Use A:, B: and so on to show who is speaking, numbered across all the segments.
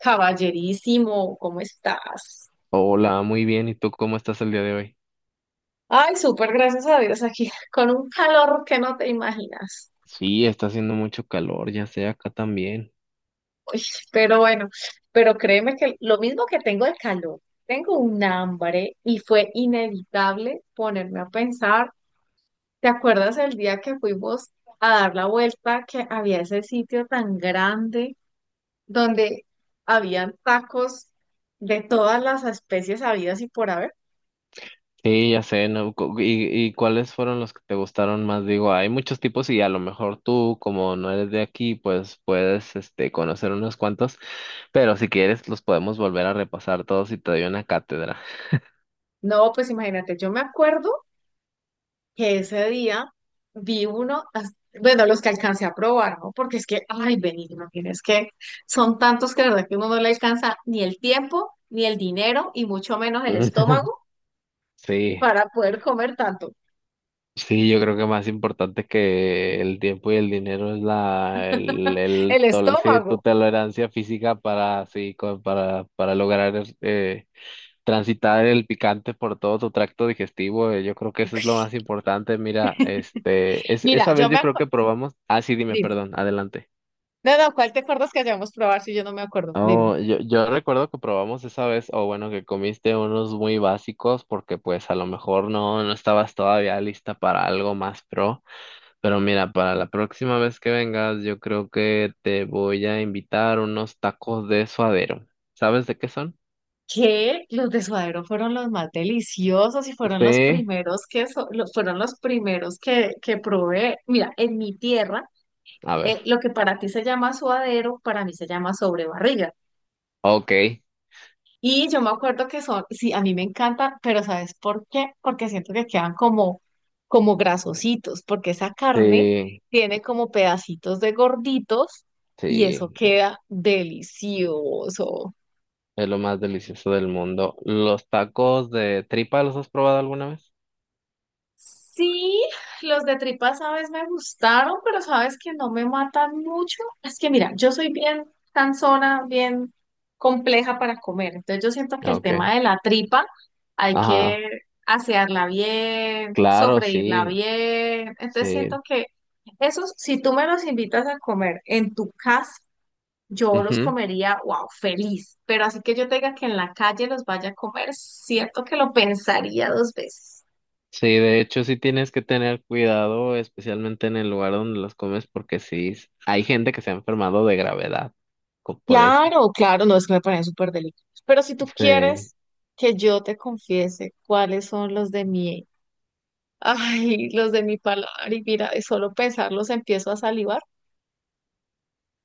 A: Caballerísimo, ¿cómo estás?
B: Hola, muy bien. ¿Y tú cómo estás el día de hoy?
A: Ay, súper, gracias a Dios aquí, con un calor que no te imaginas.
B: Sí, está haciendo mucho calor, ya sé, acá también.
A: Uy, pero bueno, pero créeme que lo mismo que tengo el calor, tengo un hambre y fue inevitable ponerme a pensar, ¿te acuerdas el día que fuimos a dar la vuelta, que había ese sitio tan grande donde habían tacos de todas las especies habidas y por haber?
B: Sí, ya sé, ¿no? ¿Y cuáles fueron los que te gustaron más? Digo, hay muchos tipos y a lo mejor tú, como no eres de aquí, pues puedes, este, conocer unos cuantos, pero si quieres los podemos volver a repasar todos y te doy una cátedra.
A: No, pues imagínate, yo me acuerdo que ese día vi uno, as- bueno, los que alcancé a probar, ¿no? Porque es que, ay, Benigno, tienes que, son tantos que la verdad que uno no le alcanza ni el tiempo, ni el dinero, y mucho menos el estómago
B: Sí.
A: para poder comer tanto.
B: Sí, yo creo que más importante que el tiempo y el dinero es la el
A: El
B: tol- sí, tu
A: estómago.
B: tolerancia física para lograr transitar el picante por todo tu tracto digestivo. Yo creo que eso es lo más importante. Mira, es
A: Mira,
B: esa
A: yo
B: vez
A: me
B: yo creo
A: acuerdo,
B: que probamos. Ah, sí, dime,
A: dime.
B: perdón, adelante.
A: No, no, ¿cuál te acuerdas que hayamos probado si yo no me acuerdo? Dime.
B: Yo recuerdo que probamos esa vez, o bueno, que comiste unos muy básicos porque pues a lo mejor no estabas todavía lista para algo más pro. Pero mira, para la próxima vez que vengas, yo creo que te voy a invitar unos tacos de suadero. ¿Sabes de qué son?
A: Que los de suadero fueron los más deliciosos y fueron los
B: Sí.
A: primeros que fueron los primeros que probé. Mira, en mi tierra
B: A ver.
A: lo que para ti se llama suadero, para mí se llama sobrebarriga.
B: Ok.
A: Y yo me acuerdo que son, sí, a mí me encantan, pero ¿sabes por qué? Porque siento que quedan como, como grasositos, porque esa carne
B: Sí,
A: tiene como pedacitos de gorditos y eso
B: sí.
A: queda delicioso.
B: Es lo más delicioso del mundo. ¿Los tacos de tripa los has probado alguna vez?
A: Sí, los de tripas, sabes, me gustaron, pero sabes que no me matan mucho. Es que mira, yo soy bien cansona, bien compleja para comer. Entonces yo siento que el tema
B: Ok.
A: de la tripa hay que
B: Ajá.
A: asearla bien,
B: Claro,
A: sofreírla
B: sí.
A: bien. Entonces siento
B: Sí.
A: que esos, si tú me los invitas a comer en tu casa, yo los
B: Ujú.
A: comería, wow, feliz. Pero así que yo tenga que en la calle los vaya a comer, siento que lo pensaría dos veces.
B: Sí, de hecho sí tienes que tener cuidado, especialmente en el lugar donde los comes, porque sí, hay gente que se ha enfermado de gravedad por eso.
A: Claro, claro, no es que me parecen súper delicados. Pero si tú
B: Sí.
A: quieres que yo te confiese cuáles son los de mi, ay, los de mi paladar, y mira, de solo pensarlos empiezo a salivar,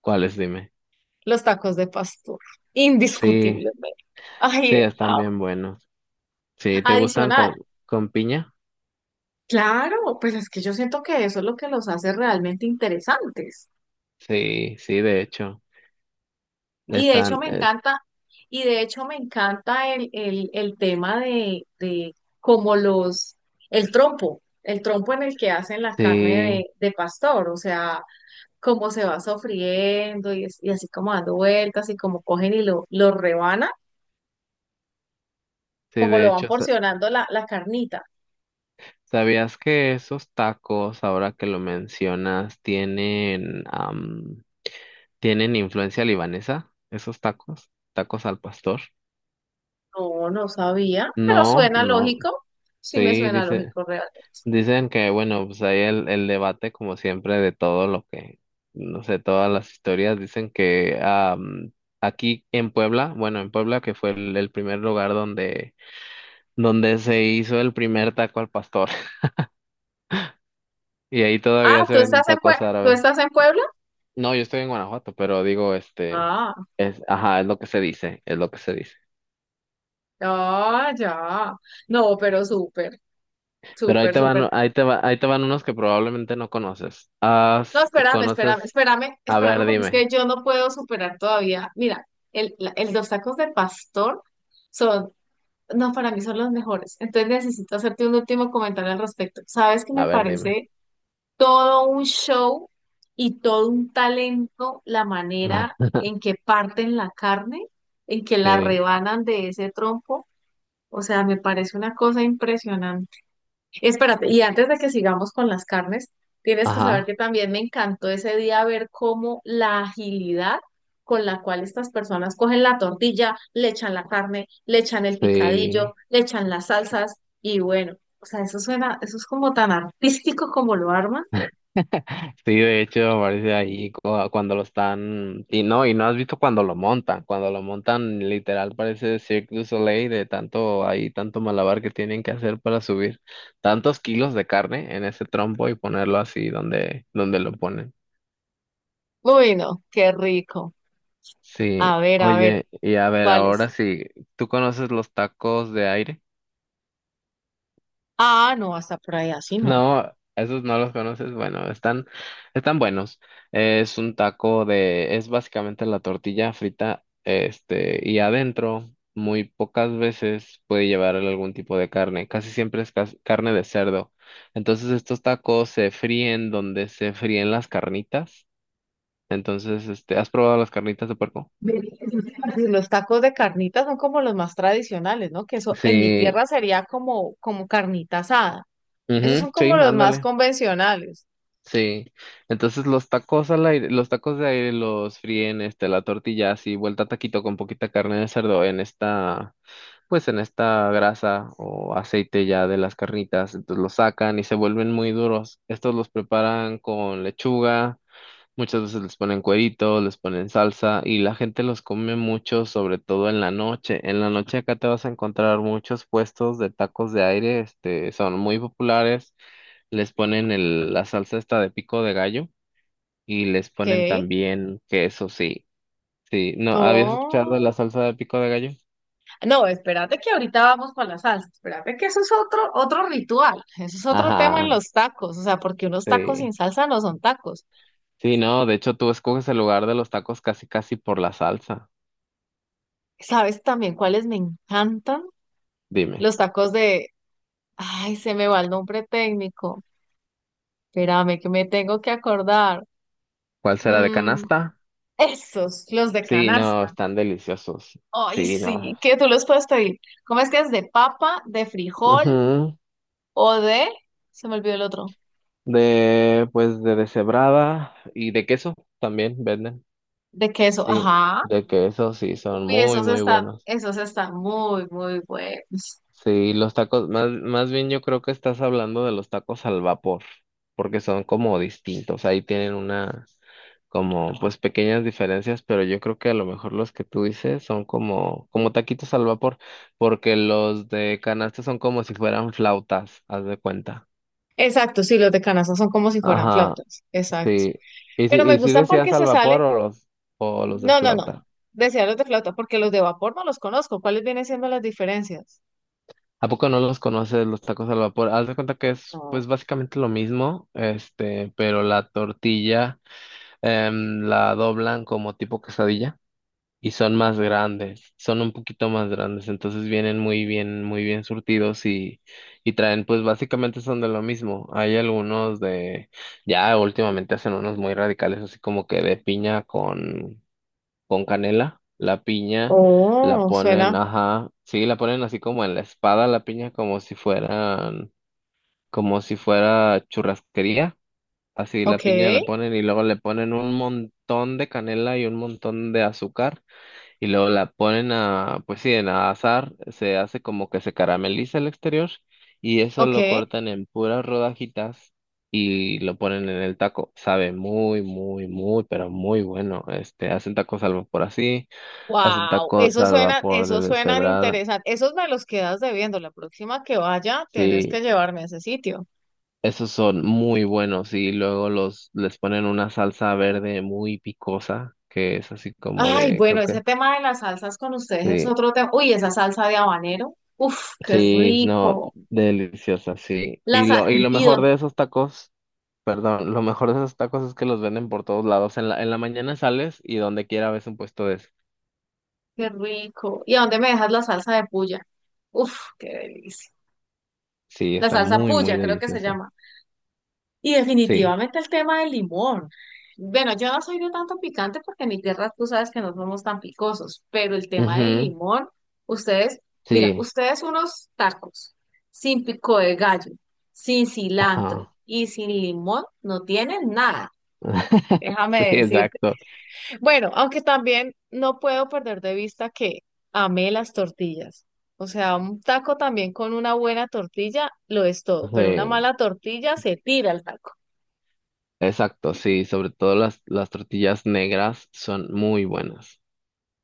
B: ¿Cuáles? Dime.
A: los tacos de pastor,
B: Sí,
A: indiscutiblemente.
B: sí,
A: Ay, a-
B: están bien buenos. Sí, ¿te gustan
A: Adicional.
B: con piña?
A: Claro, pues es que yo siento que eso es lo que los hace realmente interesantes.
B: Sí, sí, de hecho.
A: Y de hecho
B: Están,
A: me encanta, y de hecho me encanta el tema de como los, el trompo en el que hacen la carne
B: sí,
A: de pastor, o sea, cómo se va sofriendo y así como dando vueltas y como cogen y lo rebanan,
B: sí,
A: como
B: de
A: lo van
B: hecho.
A: porcionando la, la carnita.
B: ¿Sabías que esos tacos, ahora que lo mencionas, tienen, tienen influencia libanesa? ¿Esos tacos? ¿Tacos al pastor?
A: No, no sabía, pero
B: No,
A: suena
B: no,
A: lógico, sí me
B: sí,
A: suena
B: dice.
A: lógico realmente.
B: Dicen que, bueno, pues ahí el debate, como siempre, de todo lo que, no sé, todas las historias, dicen que aquí en Puebla, bueno, en Puebla, que fue el primer lugar donde, donde se hizo el primer taco al pastor, y ahí
A: Ah,
B: todavía se
A: ¿tú
B: venden
A: estás
B: tacos
A: tú
B: árabes.
A: estás en Puebla?
B: No, yo estoy en Guanajuato, pero digo, este,
A: Ah,
B: es, ajá, es lo que se dice, es lo que se dice.
A: ah, ya. No, pero súper.
B: Pero ahí
A: Súper,
B: te van,
A: súper.
B: ahí te va, ahí te van unos que probablemente no conoces. Ah,
A: No, espérame, espérame,
B: ¿conoces?
A: espérame,
B: A
A: espérame,
B: ver,
A: porque es
B: dime,
A: que yo no puedo superar todavía. Mira, los tacos de pastor son, no, para mí son los mejores. Entonces necesito hacerte un último comentario al respecto. Sabes que
B: a
A: me
B: ver, dime.
A: parece todo un show y todo un talento la manera en que parten la carne, en que la
B: Sí.
A: rebanan de ese trompo. O sea, me parece una cosa impresionante. Espérate, y antes de que sigamos con las carnes, tienes que saber que
B: Ajá,
A: también me encantó ese día ver cómo la agilidad con la cual estas personas cogen la tortilla, le echan la carne, le echan el picadillo,
B: sí.
A: le echan las salsas y bueno, o sea, eso suena, eso es como tan artístico como lo arman.
B: Sí, de hecho, aparece ahí cuando lo están. Y no has visto cuando lo montan. Cuando lo montan, literal, parece Cirque du Soleil de tanto ahí, tanto malabar que tienen que hacer para subir tantos kilos de carne en ese trompo y ponerlo así donde, donde lo ponen.
A: Uy, no, qué rico.
B: Sí,
A: A ver,
B: oye, y a ver,
A: ¿cuáles?
B: ahora sí, ¿tú conoces los tacos de aire?
A: Ah, no, hasta por ahí así no.
B: No, esos no los conoces. Bueno, están, están buenos. Es un taco de, es básicamente la tortilla frita, este, y adentro muy pocas veces puede llevar algún tipo de carne. Casi siempre es carne de cerdo. Entonces estos tacos se fríen donde se fríen las carnitas. Entonces, este, ¿has probado las carnitas de puerco?
A: Ve, eso te iba a decir, los tacos de carnitas son como los más tradicionales, ¿no? Que eso en mi
B: Sí,
A: tierra sería como, como carnita asada. Esos
B: ujú,
A: son
B: sí,
A: como los más
B: ándale.
A: convencionales.
B: Sí, entonces los tacos al aire, los tacos de aire los fríen, este, la tortilla así, vuelta a taquito con poquita carne de cerdo en esta, pues en esta grasa o aceite ya de las carnitas, entonces los sacan y se vuelven muy duros. Estos los preparan con lechuga, muchas veces les ponen cuerito, les ponen salsa y la gente los come mucho, sobre todo en la noche. En la noche acá te vas a encontrar muchos puestos de tacos de aire, este, son muy populares, les ponen la salsa esta de pico de gallo y les ponen
A: ¿Qué?
B: también queso, sí. Sí, ¿no habías escuchado de la
A: Oh.
B: salsa de pico de gallo?
A: No, espérate que ahorita vamos con la salsa. Espérate que eso es otro, otro ritual. Eso es otro tema en
B: Ajá,
A: los tacos. O sea, porque unos tacos sin
B: sí.
A: salsa no son tacos.
B: Sí, no, de hecho tú escoges el lugar de los tacos casi casi por la salsa.
A: ¿Sabes también cuáles me encantan?
B: Dime,
A: Los tacos de... Ay, se me va el nombre técnico. Espérame que me tengo que acordar.
B: ¿cuál será de
A: Mm,
B: canasta?
A: Esos, los de
B: Sí, no,
A: canasta.
B: están deliciosos.
A: Ay,
B: Sí, no.
A: sí, que tú los puedes pedir. ¿Cómo es que es de papa, de frijol
B: Ujú.
A: o de... Se me olvidó el otro.
B: De, pues, de deshebrada y de queso también venden.
A: De queso.
B: Sí,
A: Ajá.
B: de queso sí, son
A: Uy,
B: muy, muy buenos.
A: esos están muy, muy buenos.
B: Sí, los tacos, más, más bien yo creo que estás hablando de los tacos al vapor, porque son como distintos, ahí tienen una, como pues pequeñas diferencias, pero yo creo que a lo mejor los que tú dices son como, como taquitos al vapor, porque los de canasta son como si fueran flautas, haz de cuenta.
A: Exacto, sí, los de canasta son como si fueran
B: Ajá,
A: flautas. Exacto.
B: sí. ¿Y si,
A: Pero me
B: y si
A: gustan
B: decías
A: porque
B: al
A: se
B: vapor
A: sale...
B: o los de
A: No, no, no.
B: flauta?
A: Decía los de flauta, porque los de vapor no los conozco. ¿Cuáles vienen siendo las diferencias?
B: ¿A poco no los conoces los tacos al vapor? Haz de cuenta que es
A: No.
B: pues básicamente lo mismo, este, pero la tortilla la doblan como tipo quesadilla y son más grandes, son un poquito más grandes, entonces vienen muy bien surtidos y traen pues básicamente son de lo mismo. Hay algunos de, ya últimamente hacen unos muy radicales así como que de piña con canela, la piña, la
A: Oh,
B: ponen,
A: suena.
B: ajá, sí, la ponen así como en la espada, la piña, como si fueran, como si fuera churrasquería, así
A: Ok,
B: la piña la ponen y luego le ponen un montón de canela y un montón de azúcar y luego la ponen a, pues sí, en a asar, se hace como que se carameliza el exterior y eso
A: ok.
B: lo cortan en puras rodajitas. Y lo ponen en el taco. Sabe muy, muy, muy, pero muy bueno. Este, hacen tacos al vapor así. Hacen
A: Wow,
B: tacos al vapor de
A: eso suena
B: deshebrada.
A: interesante. Esos me los quedas debiendo. La próxima que vaya, tienes que
B: Sí,
A: llevarme a ese sitio.
B: esos son muy buenos y luego los les ponen una salsa verde muy picosa, que es así como
A: Ay,
B: de,
A: bueno,
B: creo que
A: ese tema de las salsas con ustedes es
B: sí,
A: otro tema. Uy, esa salsa de habanero. Uf, qué
B: sí, no,
A: rico.
B: deliciosa, sí.
A: La sal,
B: Y lo
A: y
B: mejor
A: dónde,
B: de esos tacos, perdón, lo mejor de esos tacos es que los venden por todos lados. En la mañana sales y donde quiera ves un puesto de eso.
A: qué rico. ¿Y a dónde me dejas la salsa de puya? Uf, qué delicia.
B: Sí,
A: La
B: está
A: salsa
B: muy muy
A: puya, creo que se
B: deliciosa.
A: llama. Y
B: Sí.
A: definitivamente el tema del limón. Bueno, yo no soy de tanto picante porque en mi tierra tú sabes que no somos tan picosos, pero el tema del
B: Ujú,
A: limón, ustedes, mira,
B: Sí.
A: ustedes unos tacos sin pico de gallo, sin cilantro
B: Ajá.
A: y sin limón no tienen nada.
B: Sí,
A: Déjame decirte.
B: exacto.
A: Bueno, aunque también no puedo perder de vista que amé las tortillas. O sea, un taco también con una buena tortilla lo es todo, pero una
B: Sí.
A: mala tortilla se tira el taco.
B: Exacto, sí, sobre todo las tortillas negras son muy buenas.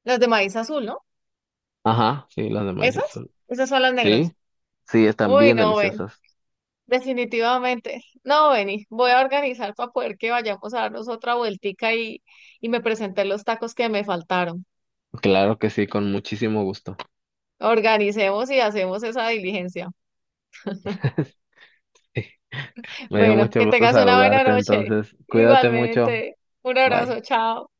A: Las de maíz azul, ¿no?
B: Ajá, sí, las de maíz
A: ¿Esas?
B: azul.
A: Esas son las
B: Sí,
A: negras.
B: sí, están
A: Uy,
B: bien
A: no, ven.
B: deliciosas.
A: Definitivamente. No, Beni. Voy a organizar para poder que vayamos a darnos otra vueltica y me presenté los tacos que me faltaron.
B: Claro que sí, con muchísimo gusto.
A: Organicemos y hacemos esa diligencia.
B: Sí, me dio
A: Bueno,
B: mucho
A: que
B: gusto
A: tengas una buena
B: saludarte,
A: noche.
B: entonces, cuídate mucho.
A: Igualmente. Un
B: Bye.
A: abrazo, chao.